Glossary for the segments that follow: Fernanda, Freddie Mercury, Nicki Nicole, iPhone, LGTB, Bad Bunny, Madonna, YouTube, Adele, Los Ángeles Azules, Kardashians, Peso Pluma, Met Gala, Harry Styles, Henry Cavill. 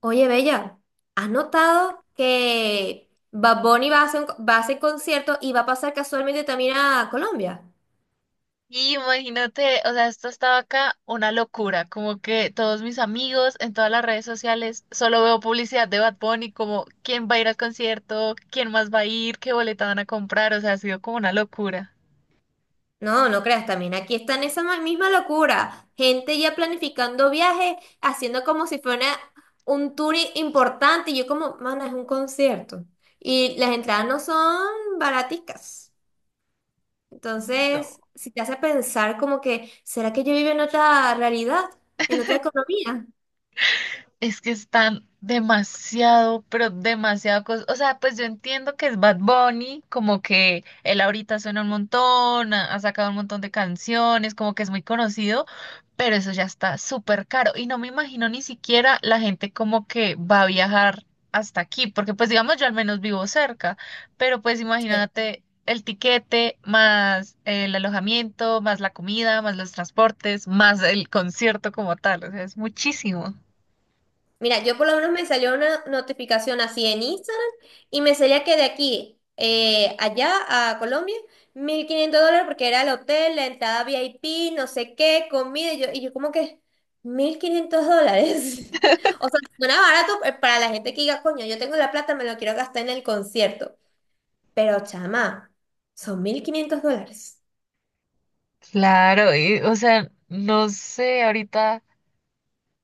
Oye, Bella, ¿has notado que Bad Bunny va a hacer concierto y va a pasar casualmente también a Colombia? Y imagínate, o sea, esto estaba acá una locura, como que todos mis amigos en todas las redes sociales solo veo publicidad de Bad Bunny, como quién va a ir al concierto, quién más va a ir, qué boleta van a comprar, o sea, ha sido como una locura. No, no creas, también aquí está en esa misma locura. Gente ya planificando viajes, haciendo como si fuera un tour importante. Y yo como, mana, es un concierto. Y las entradas no son baraticas. No. Entonces, si te hace pensar como que, ¿será que yo vivo en otra realidad? ¿En otra economía? Es que están demasiado, pero demasiado cosas. O sea, pues yo entiendo que es Bad Bunny, como que él ahorita suena un montón, ha sacado un montón de canciones, como que es muy conocido, pero eso ya está súper caro. Y no me imagino ni siquiera la gente como que va a viajar hasta aquí, porque pues digamos yo al menos vivo cerca, pero pues imagínate el tiquete, más el alojamiento, más la comida, más los transportes, más el concierto como tal. O sea, es muchísimo. Mira, yo por lo menos me salió una notificación así en Instagram y me salía que de aquí allá a Colombia, $1.500 porque era el hotel, la entrada VIP, no sé qué, comida, y yo como que $1.500. O sea, suena barato para la gente que diga, coño, yo tengo la plata, me lo quiero gastar en el concierto. Pero chama, son $1.500. Claro, y, o sea, no sé, ahorita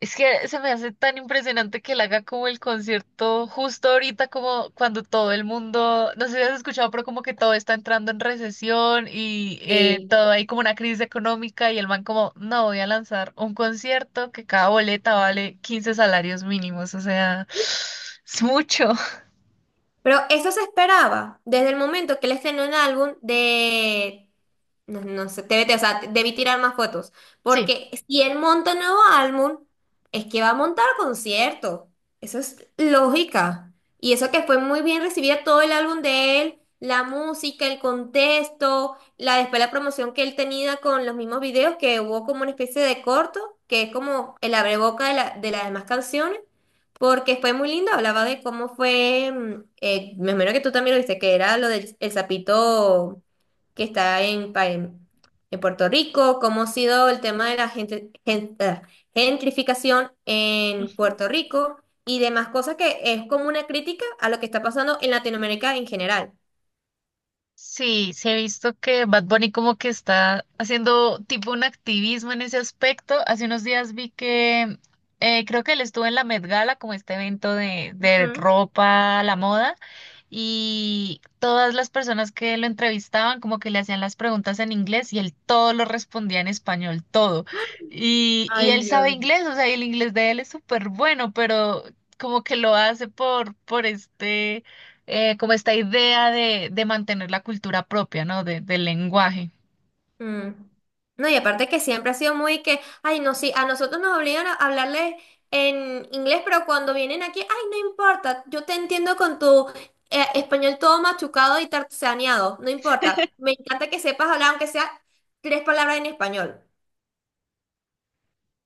es que se me hace tan impresionante que él haga como el concierto justo ahorita, como cuando todo el mundo, no sé si has escuchado, pero como que todo está entrando en recesión y Sí. todo hay como una crisis económica y el man como, no, voy a lanzar un concierto que cada boleta vale 15 salarios mínimos, o sea, es mucho. Pero eso se esperaba desde el momento que él estrenó el álbum de... No, no sé, TVT, o sea, debí tirar más fotos. Sí. Porque si él monta un nuevo álbum, es que va a montar concierto. Eso es lógica. Y eso que fue muy bien recibida todo el álbum de él, la música, el contexto, la después la promoción que él tenía con los mismos videos, que hubo como una especie de corto, que es como el abreboca de de las demás canciones. Porque fue muy lindo, hablaba de cómo fue, me imagino que tú también lo viste, que era lo del el sapito que está en Puerto Rico, cómo ha sido el tema de la gente, gentrificación en Ujú. Puerto Rico y demás cosas que es como una crítica a lo que está pasando en Latinoamérica en general. Sí, sí he visto que Bad Bunny como que está haciendo tipo un activismo en ese aspecto. Hace unos días vi que creo que él estuvo en la Met Gala como este evento de ropa, la moda y todas las personas que lo entrevistaban como que le hacían las preguntas en inglés y él todo lo respondía en español, todo. Y él sabe inglés, o sea, y el inglés de él es súper bueno, pero como que lo hace por este, como esta idea de mantener la cultura propia, ¿no? De, del lenguaje. Mm. No, y aparte que siempre ha sido muy que, ay, no, sí, a nosotros nos obligan a hablarles en inglés, pero cuando vienen aquí, ay, no importa, yo te entiendo con tu español todo machucado y tartaneado, no importa. Me encanta que sepas hablar, aunque sea tres palabras en español.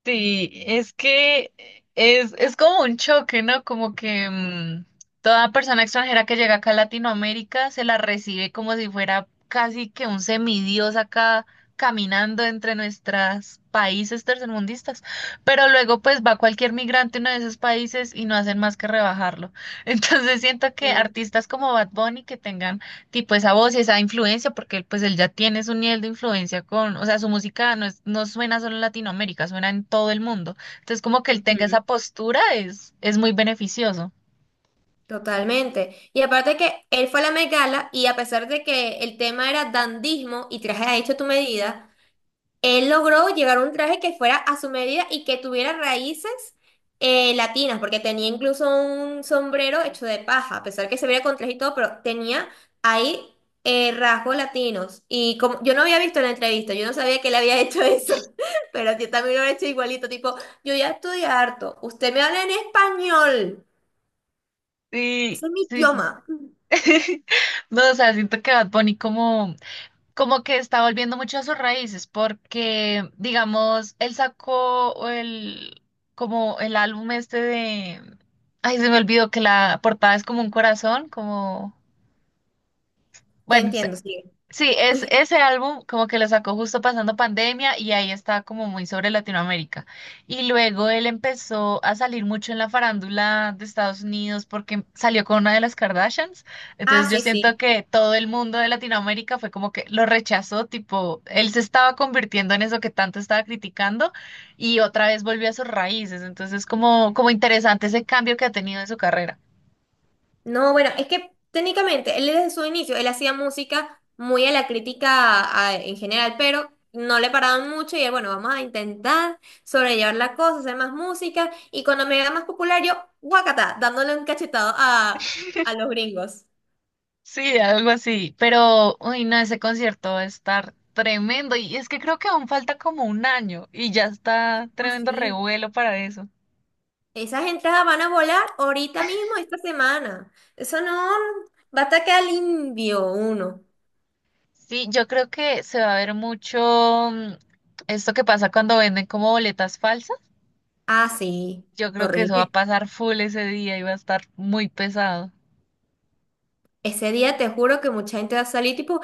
Sí, es que es como un choque, ¿no? Como que toda persona extranjera que llega acá a Latinoamérica se la recibe como si fuera casi que un semidios acá caminando entre nuestros países tercermundistas. Pero luego pues va cualquier migrante a uno de esos países y no hacen más que rebajarlo. Entonces siento que Mm. artistas como Bad Bunny que tengan tipo esa voz y esa influencia, porque él, pues él ya tiene su nivel de influencia con, o sea, su música no es, no suena solo en Latinoamérica, suena en todo el mundo. Entonces, como que él tenga Ujú. esa postura es muy beneficioso. Totalmente. Y aparte que él fue a la Met Gala y a pesar de que el tema era dandismo y traje a hecho tu medida, él logró llegar a un traje que fuera a su medida y que tuviera raíces latinas, porque tenía incluso un sombrero hecho de paja, a pesar que se veía con traje y todo, pero tenía ahí rasgos latinos. Y como yo no había visto la entrevista, yo no sabía que él había hecho eso, pero yo también lo he hecho igualito, tipo, yo ya estudié harto, usted me habla en español, ese Sí, es mi sí. idioma. No, o sea, siento que Bad Bunny como, como que está volviendo mucho a sus raíces, porque, digamos, él sacó el, como el álbum este de, ay, se me olvidó que la portada es como un corazón, como, Te bueno. entiendo, sí. Sí, es ese álbum como que lo sacó justo pasando pandemia y ahí está como muy sobre Latinoamérica. Y luego él empezó a salir mucho en la farándula de Estados Unidos porque salió con una de las Kardashians. Ah, Entonces yo sí, siento sí. que todo el mundo de Latinoamérica fue como que lo rechazó, tipo, él se estaba convirtiendo en eso que tanto estaba criticando y otra vez volvió a sus raíces. Entonces como interesante ese cambio que ha tenido en su carrera. No, bueno, es que técnicamente él desde su inicio, él hacía música muy a la crítica en general, pero no le paraban mucho y él, bueno, vamos a intentar sobrellevar la cosa, hacer más música y cuando me haga más popular yo, guacata, dándole un cachetado a los gringos. Sí, algo así. Pero, uy, no, ese concierto va a estar tremendo. Y es que creo que aún falta como un año y ya está Ah, tremendo sí. revuelo para eso. Esas entradas van a volar ahorita mismo, esta semana. Eso no, va a atacar al indio uno. Sí, yo creo que se va a ver mucho esto que pasa cuando venden como boletas falsas. Ah, sí, Yo creo que eso va a horrible. pasar full ese día y va a estar muy pesado. Ese día te juro que mucha gente va a salir tipo,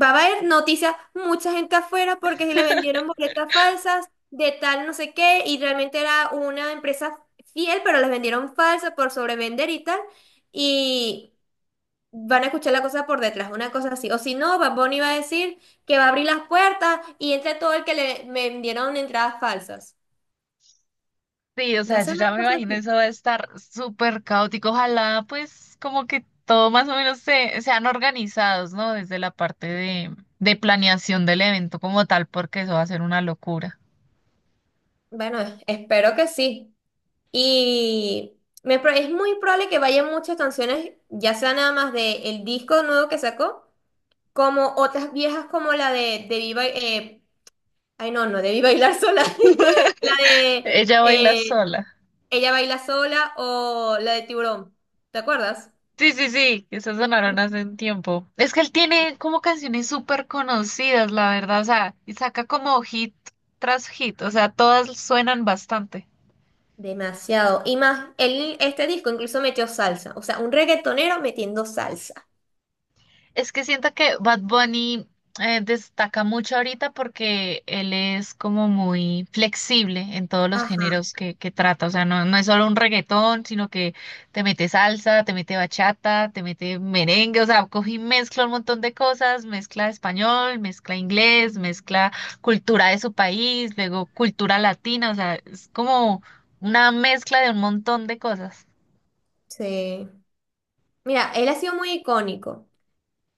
va a haber noticias, mucha gente afuera porque si le vendieron boletas falsas de tal no sé qué y realmente era una empresa fiel, pero las vendieron falsas por sobrevender y tal. Y van a escuchar la cosa por detrás, una cosa así. O si no, Bad Bunny va a decir que va a abrir las puertas y entra todo el que le me vendieron entradas falsas. Sí, o ¿Va a sea, yo ser ya una me cosa imagino así? eso va a estar súper caótico. Ojalá, pues, como que todo más o menos se, sean organizados, ¿no? Desde la parte de planeación del evento como tal, porque eso va a ser una locura. Bueno, espero que sí. Y es muy probable que vayan muchas canciones, ya sea nada más del disco nuevo que sacó como otras viejas como la de Debí Bailar, ay no, no, Debí Bailar Sola, la de Ella Baila Sola. Ella Baila Sola o la de Tiburón, ¿te acuerdas? Sí, sí, sí, esas sonaron hace un tiempo. Es que él tiene como canciones súper conocidas, la verdad, o sea, y saca como hit tras hit, o sea, todas suenan bastante. Demasiado. Y más, él, este disco incluso metió salsa, o sea, un reggaetonero metiendo salsa. Es que siento que Bad Bunny destaca mucho ahorita porque él es como muy flexible en todos los Ajá, géneros que trata. O sea, no, no es solo un reggaetón, sino que te mete salsa, te mete bachata, te mete merengue. O sea, coge y mezcla un montón de cosas, mezcla español, mezcla inglés, mezcla cultura de su país, luego cultura latina. O sea, es como una mezcla de un montón de cosas. sí. Mira, él ha sido muy icónico.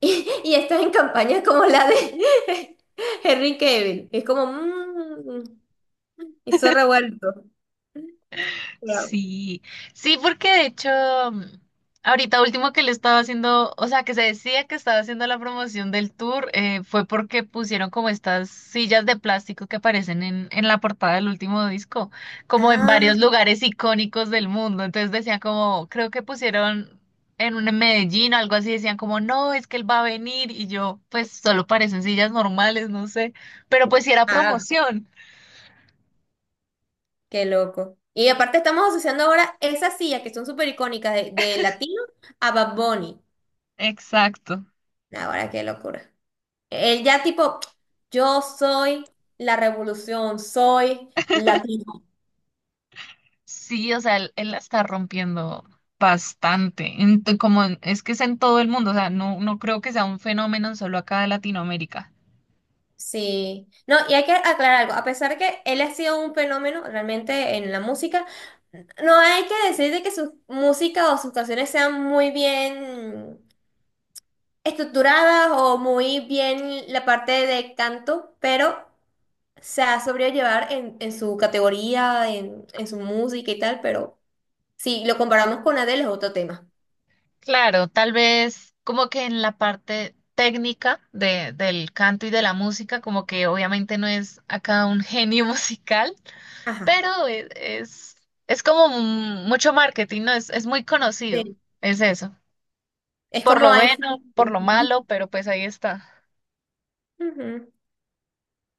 Y, y está en campañas como la de Henry Cavill. Es como, hizo revuelto. Claro. Sí, sí, porque de hecho, mm, ahorita último que le estaba haciendo, o sea, que se decía que estaba haciendo la promoción del tour, fue porque pusieron como estas sillas de plástico que aparecen en la portada del último disco, como en Ah, varios lugares icónicos del mundo. Entonces decían como, creo que pusieron en un en Medellín o algo así, decían como, no, es que él va a venir y yo, pues solo parecen sillas normales, no sé, pero pues sí era ah, promoción. qué loco. Y aparte estamos asociando ahora esas sillas que son súper icónicas de latino a Bad Bunny. Exacto. Ahora qué locura. Él ya tipo, yo soy la revolución, soy latino. Sí, o sea, él la está rompiendo bastante. En to- como en- Es que es en todo el mundo, o sea, no, no creo que sea un fenómeno solo acá de Latinoamérica. Sí. No, y hay que aclarar algo. A pesar de que él ha sido un fenómeno realmente en la música, no hay que decir de que su música o sus canciones sean muy bien estructuradas o muy bien la parte de canto, pero... sea, sobrellevar en su categoría, en su música y tal, pero si lo comparamos con Adele es otro tema. Claro, tal vez como que en la parte técnica de, del canto y de la música, como que obviamente no es acá un genio musical, Ajá. pero es, como mucho marketing, ¿no? Es muy conocido, Sí. es eso. Es Por como lo iPhone. bueno, por lo malo, pero pues ahí está. Ujú.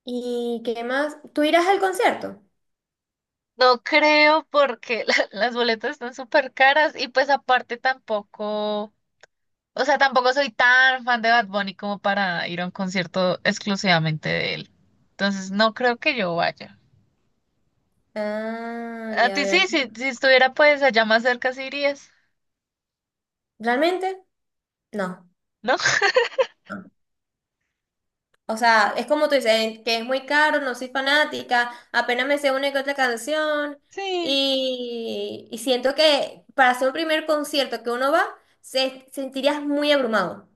¿Y qué más? ¿Tú irás al concierto? No creo porque las boletas están súper caras y pues aparte tampoco, o sea, tampoco soy tan fan de Bad Bunny como para ir a un concierto exclusivamente de él. Entonces no creo que yo vaya. Ah, A ya ti sí, veo. sí, si estuviera pues allá más cerca sí irías, ¿Realmente? No. ¿no? No. O sea, es como tú dices, que es muy caro, no soy fanática, apenas me sé una que otra canción Sí. y siento que para hacer un primer concierto que uno va, se, sentirías muy abrumado.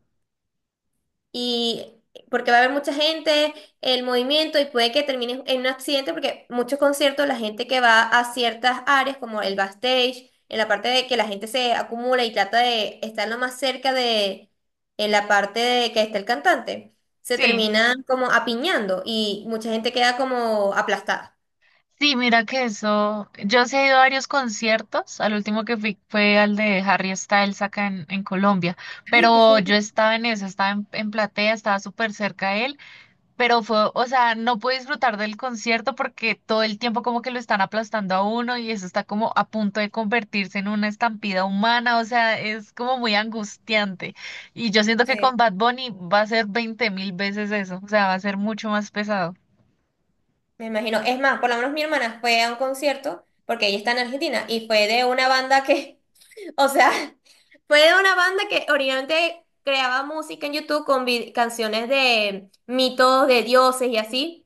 Y porque va a haber mucha gente, el movimiento y puede que termine en un accidente porque muchos conciertos la gente que va a ciertas áreas como el backstage, en la parte de que la gente se acumula y trata de estar lo más cerca de en la parte de que está el cantante, se Sí, termina como apiñando y mucha gente queda como aplastada. sí, mira que eso. Yo sí he ido a varios conciertos. Al último que fui fue al de Harry Styles acá en Colombia. Ay, qué Pero yo genial. estaba en eso, estaba en platea, estaba súper cerca de él. Pero fue, o sea, no pude disfrutar del concierto porque todo el tiempo como que lo están aplastando a uno y eso está como a punto de convertirse en una estampida humana, o sea, es como muy angustiante. Y yo siento que Sí, con Bad Bunny va a ser 20.000 veces eso, o sea, va a ser mucho más pesado. me imagino. Es más, por lo menos mi hermana fue a un concierto porque ella está en Argentina y fue de una banda que, o sea, fue de una banda que originalmente creaba música en YouTube con canciones de mitos, de dioses y así.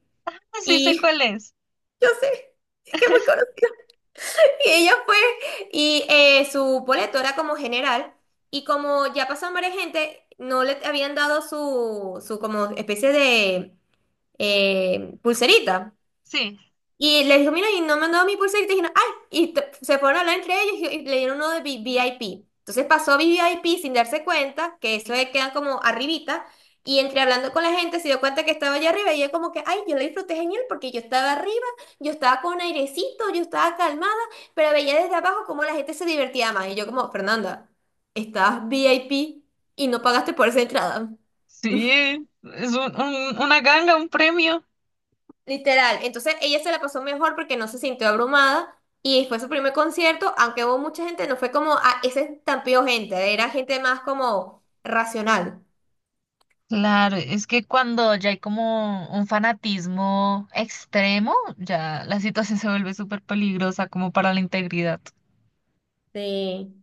Sí sé Y cuál es. yo sé, es que muy conocida. Y ella fue, y su boleto era como general. Y como ya pasaron varias gente, no le habían dado su como especie de pulserita. Sí. Y les dijo, mira, y no me han dado mi pulsera. Y te dijeron, ay, y se fueron a hablar entre ellos y le dieron uno de VIP. Entonces pasó VIP sin darse cuenta, que eso es- queda como arribita. Y entre hablando con la gente se dio cuenta que estaba allá arriba y yo como que, ay, yo la disfruté genial porque yo estaba arriba, yo estaba con airecito, yo estaba calmada, pero veía desde abajo cómo la gente se divertía más. Y yo como, Fernanda, estabas VIP y no pagaste por esa entrada. Sí, es una ganga, un premio. Literal. Entonces ella se la pasó mejor porque no se sintió abrumada y fue su primer concierto, aunque hubo mucha gente, no fue como, ah, ese estampido gente, era gente más como racional. Claro, es que cuando ya hay como un fanatismo extremo, ya la situación se vuelve súper peligrosa como para la integridad. Sí.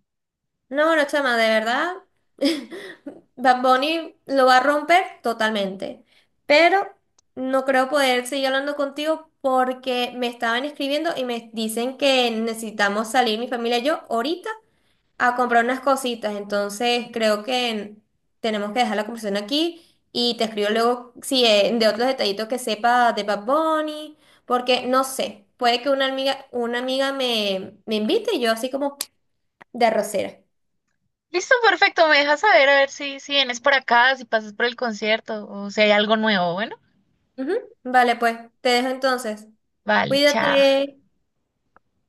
No, no, chama, de verdad, Bad Bunny lo va a romper totalmente, pero no creo poder seguir hablando contigo porque me estaban escribiendo y me dicen que necesitamos salir mi familia y yo ahorita a comprar unas cositas, entonces creo que tenemos que dejar la conversación aquí y te escribo luego si de otros detallitos que sepa de Bad Bunny, porque no sé, puede que una amiga me, me invite y yo así como de arrocera. Listo, perfecto. Me dejas saber a ver si, si vienes por acá, si pasas por el concierto o si hay algo nuevo. Bueno, Ujú, vale, pues, te dejo entonces. vale, chao. Cuídate.